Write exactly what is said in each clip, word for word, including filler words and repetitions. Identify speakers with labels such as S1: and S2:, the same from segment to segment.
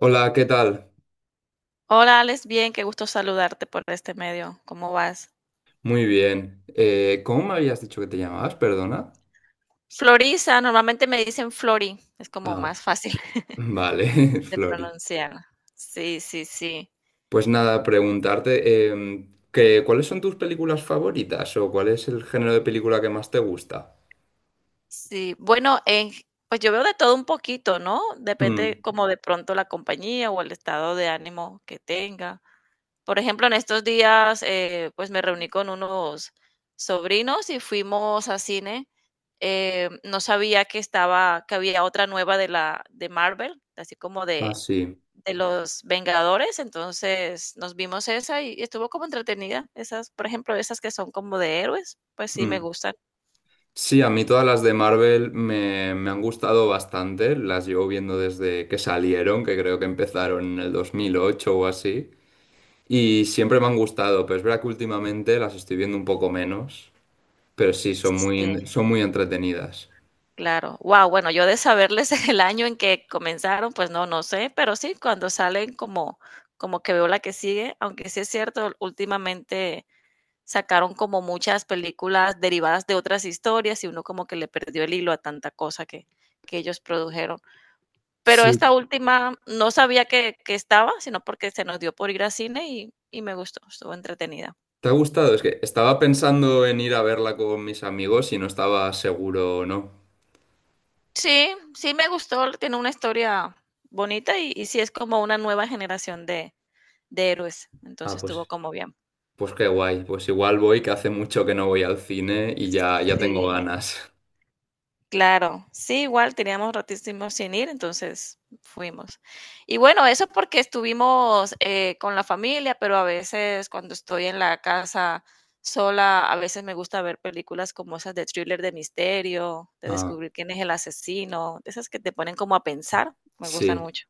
S1: Hola, ¿qué tal?
S2: Hola, Alex, bien, qué gusto saludarte por este medio. ¿Cómo vas?
S1: Muy bien. Eh, ¿cómo me habías dicho que te llamabas? Perdona.
S2: Florisa, normalmente me dicen Flori, es como
S1: Ah,
S2: más fácil
S1: vale,
S2: de
S1: Flori.
S2: pronunciar. Sí, sí, sí.
S1: Pues nada, preguntarte em, que, ¿cuáles son tus películas favoritas o cuál es el género de película que más te gusta?
S2: Sí, bueno, en- pues yo veo de todo un poquito, ¿no?
S1: Mm.
S2: Depende como de pronto la compañía o el estado de ánimo que tenga. Por ejemplo, en estos días, eh, pues me reuní con unos sobrinos y fuimos a cine. Eh, no sabía que estaba, que había otra nueva de la de Marvel, así como
S1: Ah,
S2: de
S1: sí.
S2: de los Vengadores, entonces nos vimos esa y estuvo como entretenida. Esas, por ejemplo, esas que son como de héroes, pues sí me
S1: Mm.
S2: gustan.
S1: Sí, a mí todas las de Marvel me, me han gustado bastante. Las llevo viendo desde que salieron, que creo que empezaron en el dos mil ocho o así. Y siempre me han gustado, pero es verdad que últimamente las estoy viendo un poco menos. Pero sí, son
S2: Sí,
S1: muy, son muy entretenidas.
S2: claro. Wow, bueno, yo de saberles el año en que comenzaron, pues no, no sé, pero sí, cuando salen como, como que veo la que sigue, aunque sí es cierto, últimamente sacaron como muchas películas derivadas de otras historias y uno como que le perdió el hilo a tanta cosa que, que ellos produjeron. Pero
S1: Sí.
S2: esta última no sabía que que estaba, sino porque se nos dio por ir al cine y y me gustó, estuvo entretenida.
S1: ¿Te ha gustado? Es que estaba pensando en ir a verla con mis amigos y no estaba seguro o no.
S2: Sí, sí me gustó, tiene una historia bonita y y sí es como una nueva generación de de héroes, entonces
S1: Ah,
S2: estuvo
S1: pues,
S2: como bien.
S1: pues qué guay. Pues igual voy, que hace mucho que no voy al cine y ya, ya tengo
S2: Sí.
S1: ganas.
S2: Claro, sí, igual teníamos ratísimo sin ir, entonces fuimos. Y bueno, eso porque estuvimos eh, con la familia, pero a veces cuando estoy en la casa sola, a veces me gusta ver películas como esas de thriller de misterio, de
S1: Ah,
S2: descubrir quién es el asesino, de esas que te ponen como a pensar, me gustan
S1: sí.
S2: mucho.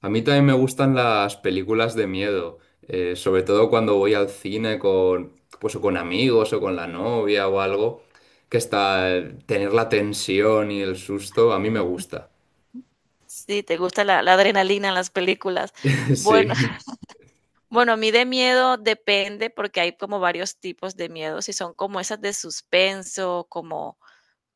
S1: A mí también me gustan las películas de miedo, eh, sobre todo cuando voy al cine con, pues, o con amigos o con la novia o algo, que está eh, tener la tensión y el susto, a mí me gusta.
S2: Sí, te gusta la, la adrenalina en las películas. Bueno,
S1: Sí.
S2: bueno, a mí de miedo depende porque hay como varios tipos de miedo, si son como esas de suspenso, como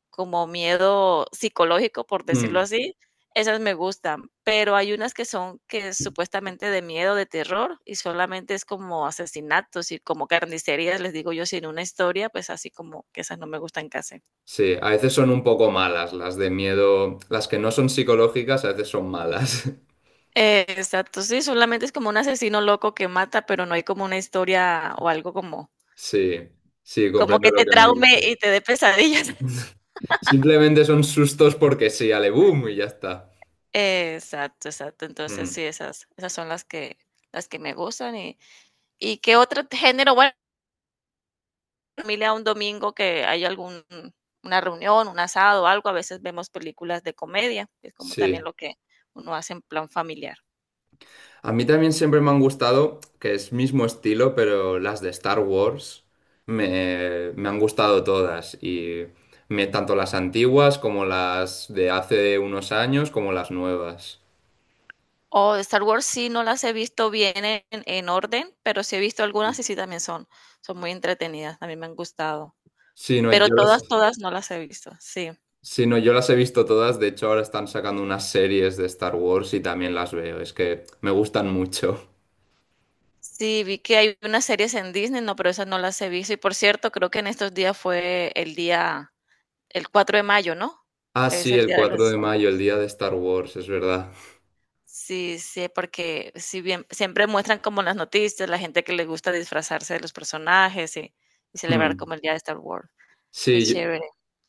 S2: como miedo psicológico, por decirlo
S1: Mm.
S2: así, esas me gustan, pero hay unas que son que es supuestamente de miedo, de terror, y solamente es como asesinatos y como carnicerías, les digo yo, sin una historia, pues así como que esas no me gustan casi.
S1: Sí, a veces son un poco malas las de miedo. Las que no son psicológicas a veces son malas.
S2: Eh, exacto, sí, solamente es como un asesino loco que mata, pero no hay como una historia o algo como
S1: Sí, sí,
S2: como
S1: comprendo
S2: que
S1: lo
S2: te
S1: que me
S2: traume
S1: dices.
S2: y te dé pesadillas.
S1: Simplemente son sustos porque sí, ale boom y ya está.
S2: Exacto, exacto. Entonces
S1: Mm,
S2: sí, esas esas son las que las que me gustan y ¿y qué otro género? Bueno familia un domingo que hay algún una reunión, un asado, algo, a veces vemos películas de comedia, es como
S1: sí.
S2: también lo que uno hace en plan familiar.
S1: A mí también siempre me han gustado, que es mismo estilo, pero las de Star Wars me, me han gustado todas. Y me, tanto las antiguas como las de hace unos años, como las nuevas.
S2: O de Star Wars sí no las he visto bien en, en orden, pero sí he visto algunas y sí también son, son muy entretenidas, también me han gustado.
S1: Sí, no,
S2: Pero
S1: yo las...
S2: todas, todas no las he visto, sí.
S1: Sí, no, yo las he visto todas. De hecho, ahora están sacando unas series de Star Wars y también las veo. Es que me gustan mucho.
S2: Sí, vi que hay unas series en Disney, no, pero esas no las he visto. Y por cierto, creo que en estos días fue el día. El cuatro de mayo, ¿no?
S1: Ah,
S2: Que es
S1: sí,
S2: el
S1: el
S2: día de los
S1: cuatro de
S2: Star Wars,
S1: mayo, el
S2: sí.
S1: día de Star Wars, es verdad.
S2: Sí, sí, porque si bien siempre muestran como en las noticias, la gente que le gusta disfrazarse de los personajes y y celebrar
S1: Hmm.
S2: como el día de Star Wars. Qué
S1: Sí,
S2: chévere,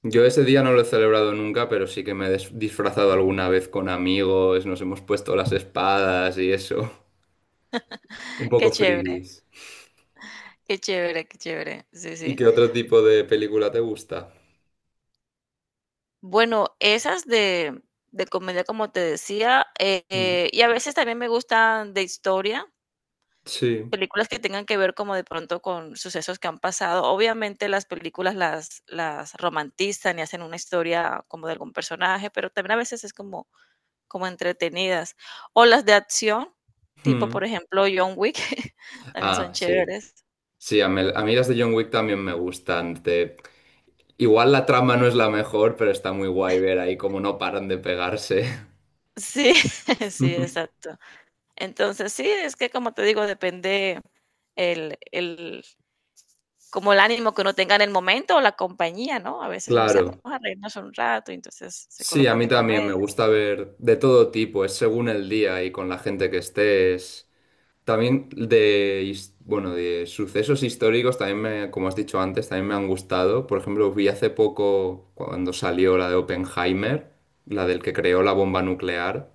S1: yo, yo ese día no lo he celebrado nunca, pero sí que me he des- disfrazado alguna vez con amigos, nos hemos puesto las espadas y eso. Un
S2: qué
S1: poco
S2: chévere,
S1: frikis.
S2: qué chévere, qué chévere. Sí,
S1: ¿Y
S2: sí.
S1: qué otro tipo de película te gusta?
S2: Bueno, esas de de comedia, como te decía, eh,
S1: Mm.
S2: eh, y a veces también me gustan de historia.
S1: Sí.
S2: Películas que tengan que ver como de pronto con sucesos que han pasado. Obviamente las películas las las romantizan y hacen una historia como de algún personaje, pero también a veces es como como entretenidas. O las de acción, tipo, por
S1: Mm.
S2: ejemplo, John Wick, también son
S1: Ah, sí.
S2: chéveres.
S1: Sí, a mí, a mí las de John Wick también me gustan. Te Igual la trama no es la mejor, pero está muy guay ver ahí cómo no paran de pegarse.
S2: Sí, sí, exacto. Entonces, sí, es que como te digo, depende el el como el ánimo que uno tenga en el momento o la compañía, ¿no? A veces uno dice: "Vamos
S1: Claro.
S2: a reírnos un rato", y entonces se
S1: Sí, a
S2: colocan
S1: mí
S2: de
S1: también me
S2: comedias.
S1: gusta ver de todo tipo, es según el día y con la gente que estés. También de, his- bueno, de sucesos históricos también me, como has dicho antes, también me han gustado. Por ejemplo, vi hace poco cuando salió la de Oppenheimer, la del que creó la bomba nuclear,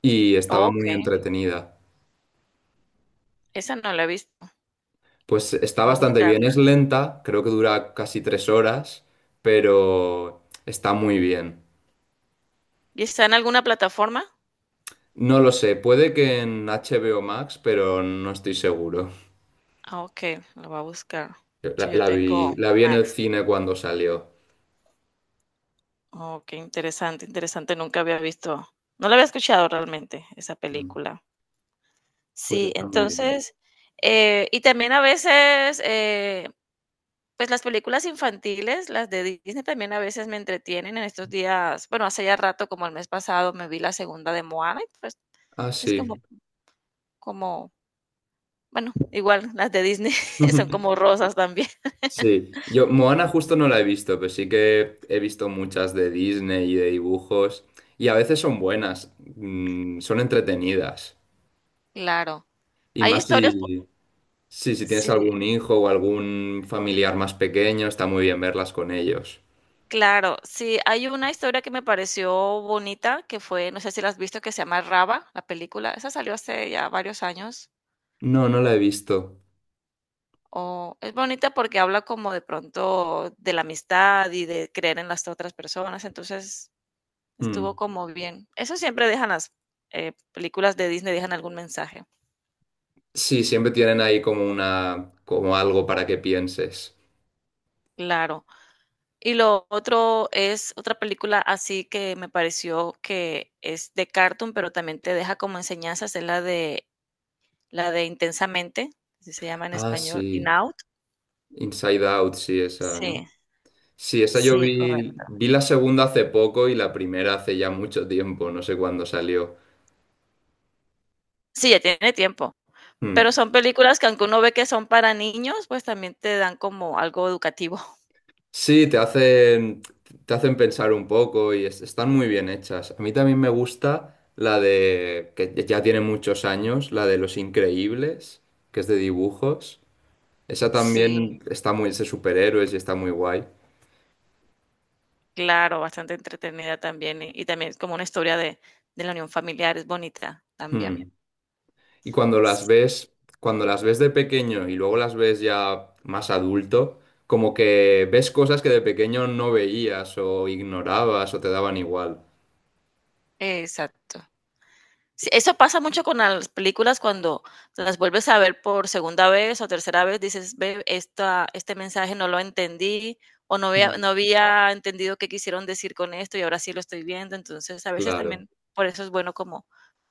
S1: y estaba muy
S2: Okey.
S1: entretenida.
S2: Esa no la he visto,
S1: Pues está
S2: voy a
S1: bastante bien,
S2: buscarla.
S1: es lenta, creo que dura casi tres horas, pero está muy bien.
S2: ¿Y está en alguna plataforma?
S1: No lo sé, puede que en H B O Max, pero no estoy seguro.
S2: Ah, okey, la voy a buscar.
S1: La,
S2: Sí, yo
S1: la vi,
S2: tengo
S1: la vi en el
S2: Max.
S1: cine cuando salió.
S2: Oh, qué interesante, interesante, nunca había visto, no la había escuchado realmente, esa
S1: Mm.
S2: película.
S1: Pues
S2: Sí,
S1: está muy bien.
S2: entonces, eh, y también a veces, eh, pues, las películas infantiles, las de Disney también a veces me entretienen. En estos días, bueno, hace ya rato, como el mes pasado, me vi la segunda de Moana y, pues,
S1: Ah,
S2: es
S1: sí.
S2: como como, bueno, igual las de Disney son como rosas también.
S1: Sí. Yo, Moana justo no la he visto, pero sí que he visto muchas de Disney y de dibujos. Y a veces son buenas, mm, son entretenidas.
S2: Claro.
S1: Y
S2: Hay
S1: más
S2: historias po
S1: si, sí, si tienes
S2: sí,
S1: algún hijo o algún familiar más pequeño, está muy bien verlas con ellos.
S2: claro. Sí, hay una historia que me pareció bonita, que fue, no sé si la has visto, que se llama Raba, la película. Esa salió hace ya varios años.
S1: No, no la he visto.
S2: O es bonita porque habla como de pronto de la amistad y de creer en las otras personas, entonces
S1: Mm.
S2: estuvo como bien. Eso siempre dejan las, eh, películas de Disney, dejan algún mensaje.
S1: Sí, siempre tienen ahí como una, como algo para que pienses.
S2: Claro. Y lo otro es otra película así que me pareció que es de cartoon, pero también te deja como enseñanzas, es la de la de Intensamente, así se llama en
S1: Ah,
S2: español, In
S1: sí.
S2: Out.
S1: Inside Out, sí, esa, ¿no?
S2: Sí,
S1: Sí, esa yo
S2: sí,
S1: vi,
S2: correcto.
S1: vi la segunda hace poco y la primera hace ya mucho tiempo, no sé cuándo salió.
S2: Sí, ya tiene tiempo, pero
S1: Mm.
S2: son películas que aunque uno ve que son para niños, pues también te dan como algo educativo.
S1: Sí, te hacen, te hacen pensar un poco y es- están muy bien hechas. A mí también me gusta la de, que ya tiene muchos años, la de Los Increíbles, que es de dibujos. Esa
S2: Sí,
S1: también está muy, es de superhéroes y está muy guay.
S2: claro, bastante entretenida también, y y también es como una historia de de la unión familiar, es bonita también.
S1: Hmm. Y cuando las
S2: Sí,
S1: ves, cuando las ves de pequeño y luego las ves ya más adulto, como que ves cosas que de pequeño no veías o ignorabas o te daban igual.
S2: exacto. Sí, eso pasa mucho con las películas cuando las vuelves a ver por segunda vez o tercera vez, dices, ve, esta, este mensaje no lo entendí o no había,
S1: Mm.
S2: no había entendido qué quisieron decir con esto y ahora sí lo estoy viendo. Entonces, a veces
S1: Claro.
S2: también por eso es bueno como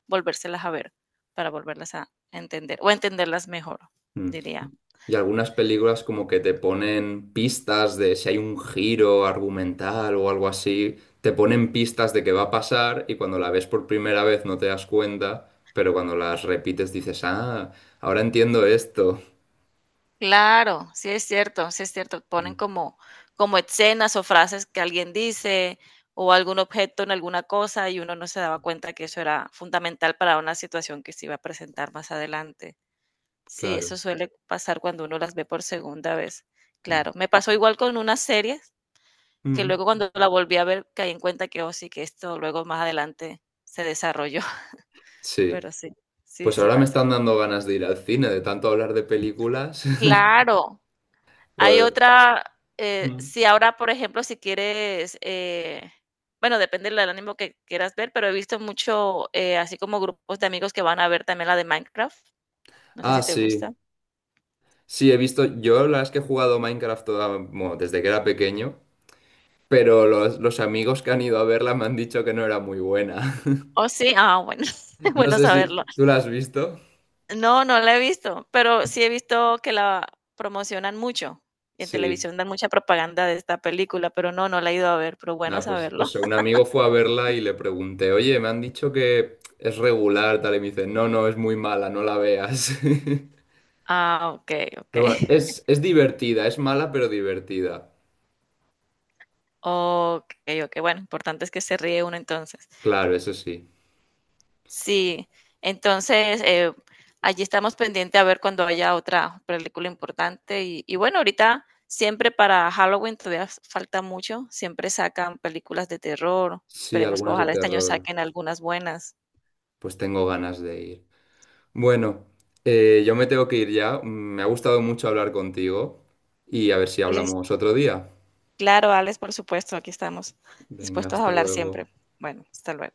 S2: volvérselas a ver para volverlas a entender o entenderlas mejor,
S1: Hmm.
S2: diría.
S1: Y algunas películas como que te ponen pistas de si hay un giro argumental o algo así, te ponen pistas de qué va a pasar y cuando la ves por primera vez no te das cuenta, pero cuando las repites dices, ah, ahora entiendo esto.
S2: Claro, sí es cierto, sí es cierto. Ponen
S1: Mm.
S2: como, como escenas o frases que alguien dice o algún objeto en alguna cosa y uno no se daba cuenta que eso era fundamental para una situación que se iba a presentar más adelante. Sí,
S1: Claro.
S2: eso suele pasar cuando uno las ve por segunda vez.
S1: Mm.
S2: Claro, me pasó igual con unas series que
S1: Mm,
S2: luego cuando la volví a ver caí en cuenta que, oh, sí, que esto luego más adelante se desarrolló,
S1: sí.
S2: pero sí, sí,
S1: Pues
S2: sí
S1: ahora me
S2: pasa.
S1: están dando ganas de ir al cine, de tanto hablar de películas.
S2: Claro, hay
S1: Pues,
S2: otra, eh,
S1: mm,
S2: si ahora, por ejemplo, si quieres, eh, bueno, depende del ánimo que quieras ver, pero he visto mucho, eh, así como grupos de amigos que van a ver también la de Minecraft. No sé
S1: ah,
S2: si te
S1: sí.
S2: gusta.
S1: Sí, he visto, yo la verdad es que he jugado Minecraft toda- bueno, desde que era pequeño, pero los, los amigos que han ido a verla me han dicho que no era muy buena.
S2: Oh, sí, ah, bueno,
S1: No
S2: bueno
S1: sé si
S2: saberlo.
S1: tú la has visto.
S2: No, no la he visto, pero sí he visto que la promocionan mucho. Y en
S1: Sí,
S2: televisión dan mucha propaganda de esta película, pero no, no la he ido a ver, pero bueno
S1: nada, pues
S2: saberlo.
S1: eso, un amigo fue a verla y le pregunté, oye, me han dicho que es regular, tal, y me dice, no, no, es muy mala, no la veas.
S2: Ah, ok, ok.
S1: Pero bueno, es, es divertida, es mala pero divertida.
S2: Okey, okey. Bueno, importante es que se ríe uno entonces.
S1: Claro, eso sí.
S2: Sí, entonces, eh, allí estamos pendiente a ver cuando haya otra película importante y y bueno, ahorita siempre para Halloween todavía f- falta mucho, siempre sacan películas de terror.
S1: Sí,
S2: Esperemos que
S1: algunas de
S2: ojalá este año
S1: terror,
S2: saquen algunas buenas.
S1: pues tengo ganas de ir. Bueno, eh, yo me tengo que ir ya. Me ha gustado mucho hablar contigo y a ver si
S2: Lis
S1: hablamos otro día.
S2: claro, Alex, por supuesto, aquí estamos
S1: Venga,
S2: dispuestos a
S1: hasta
S2: hablar siempre.
S1: luego.
S2: Bueno, hasta luego.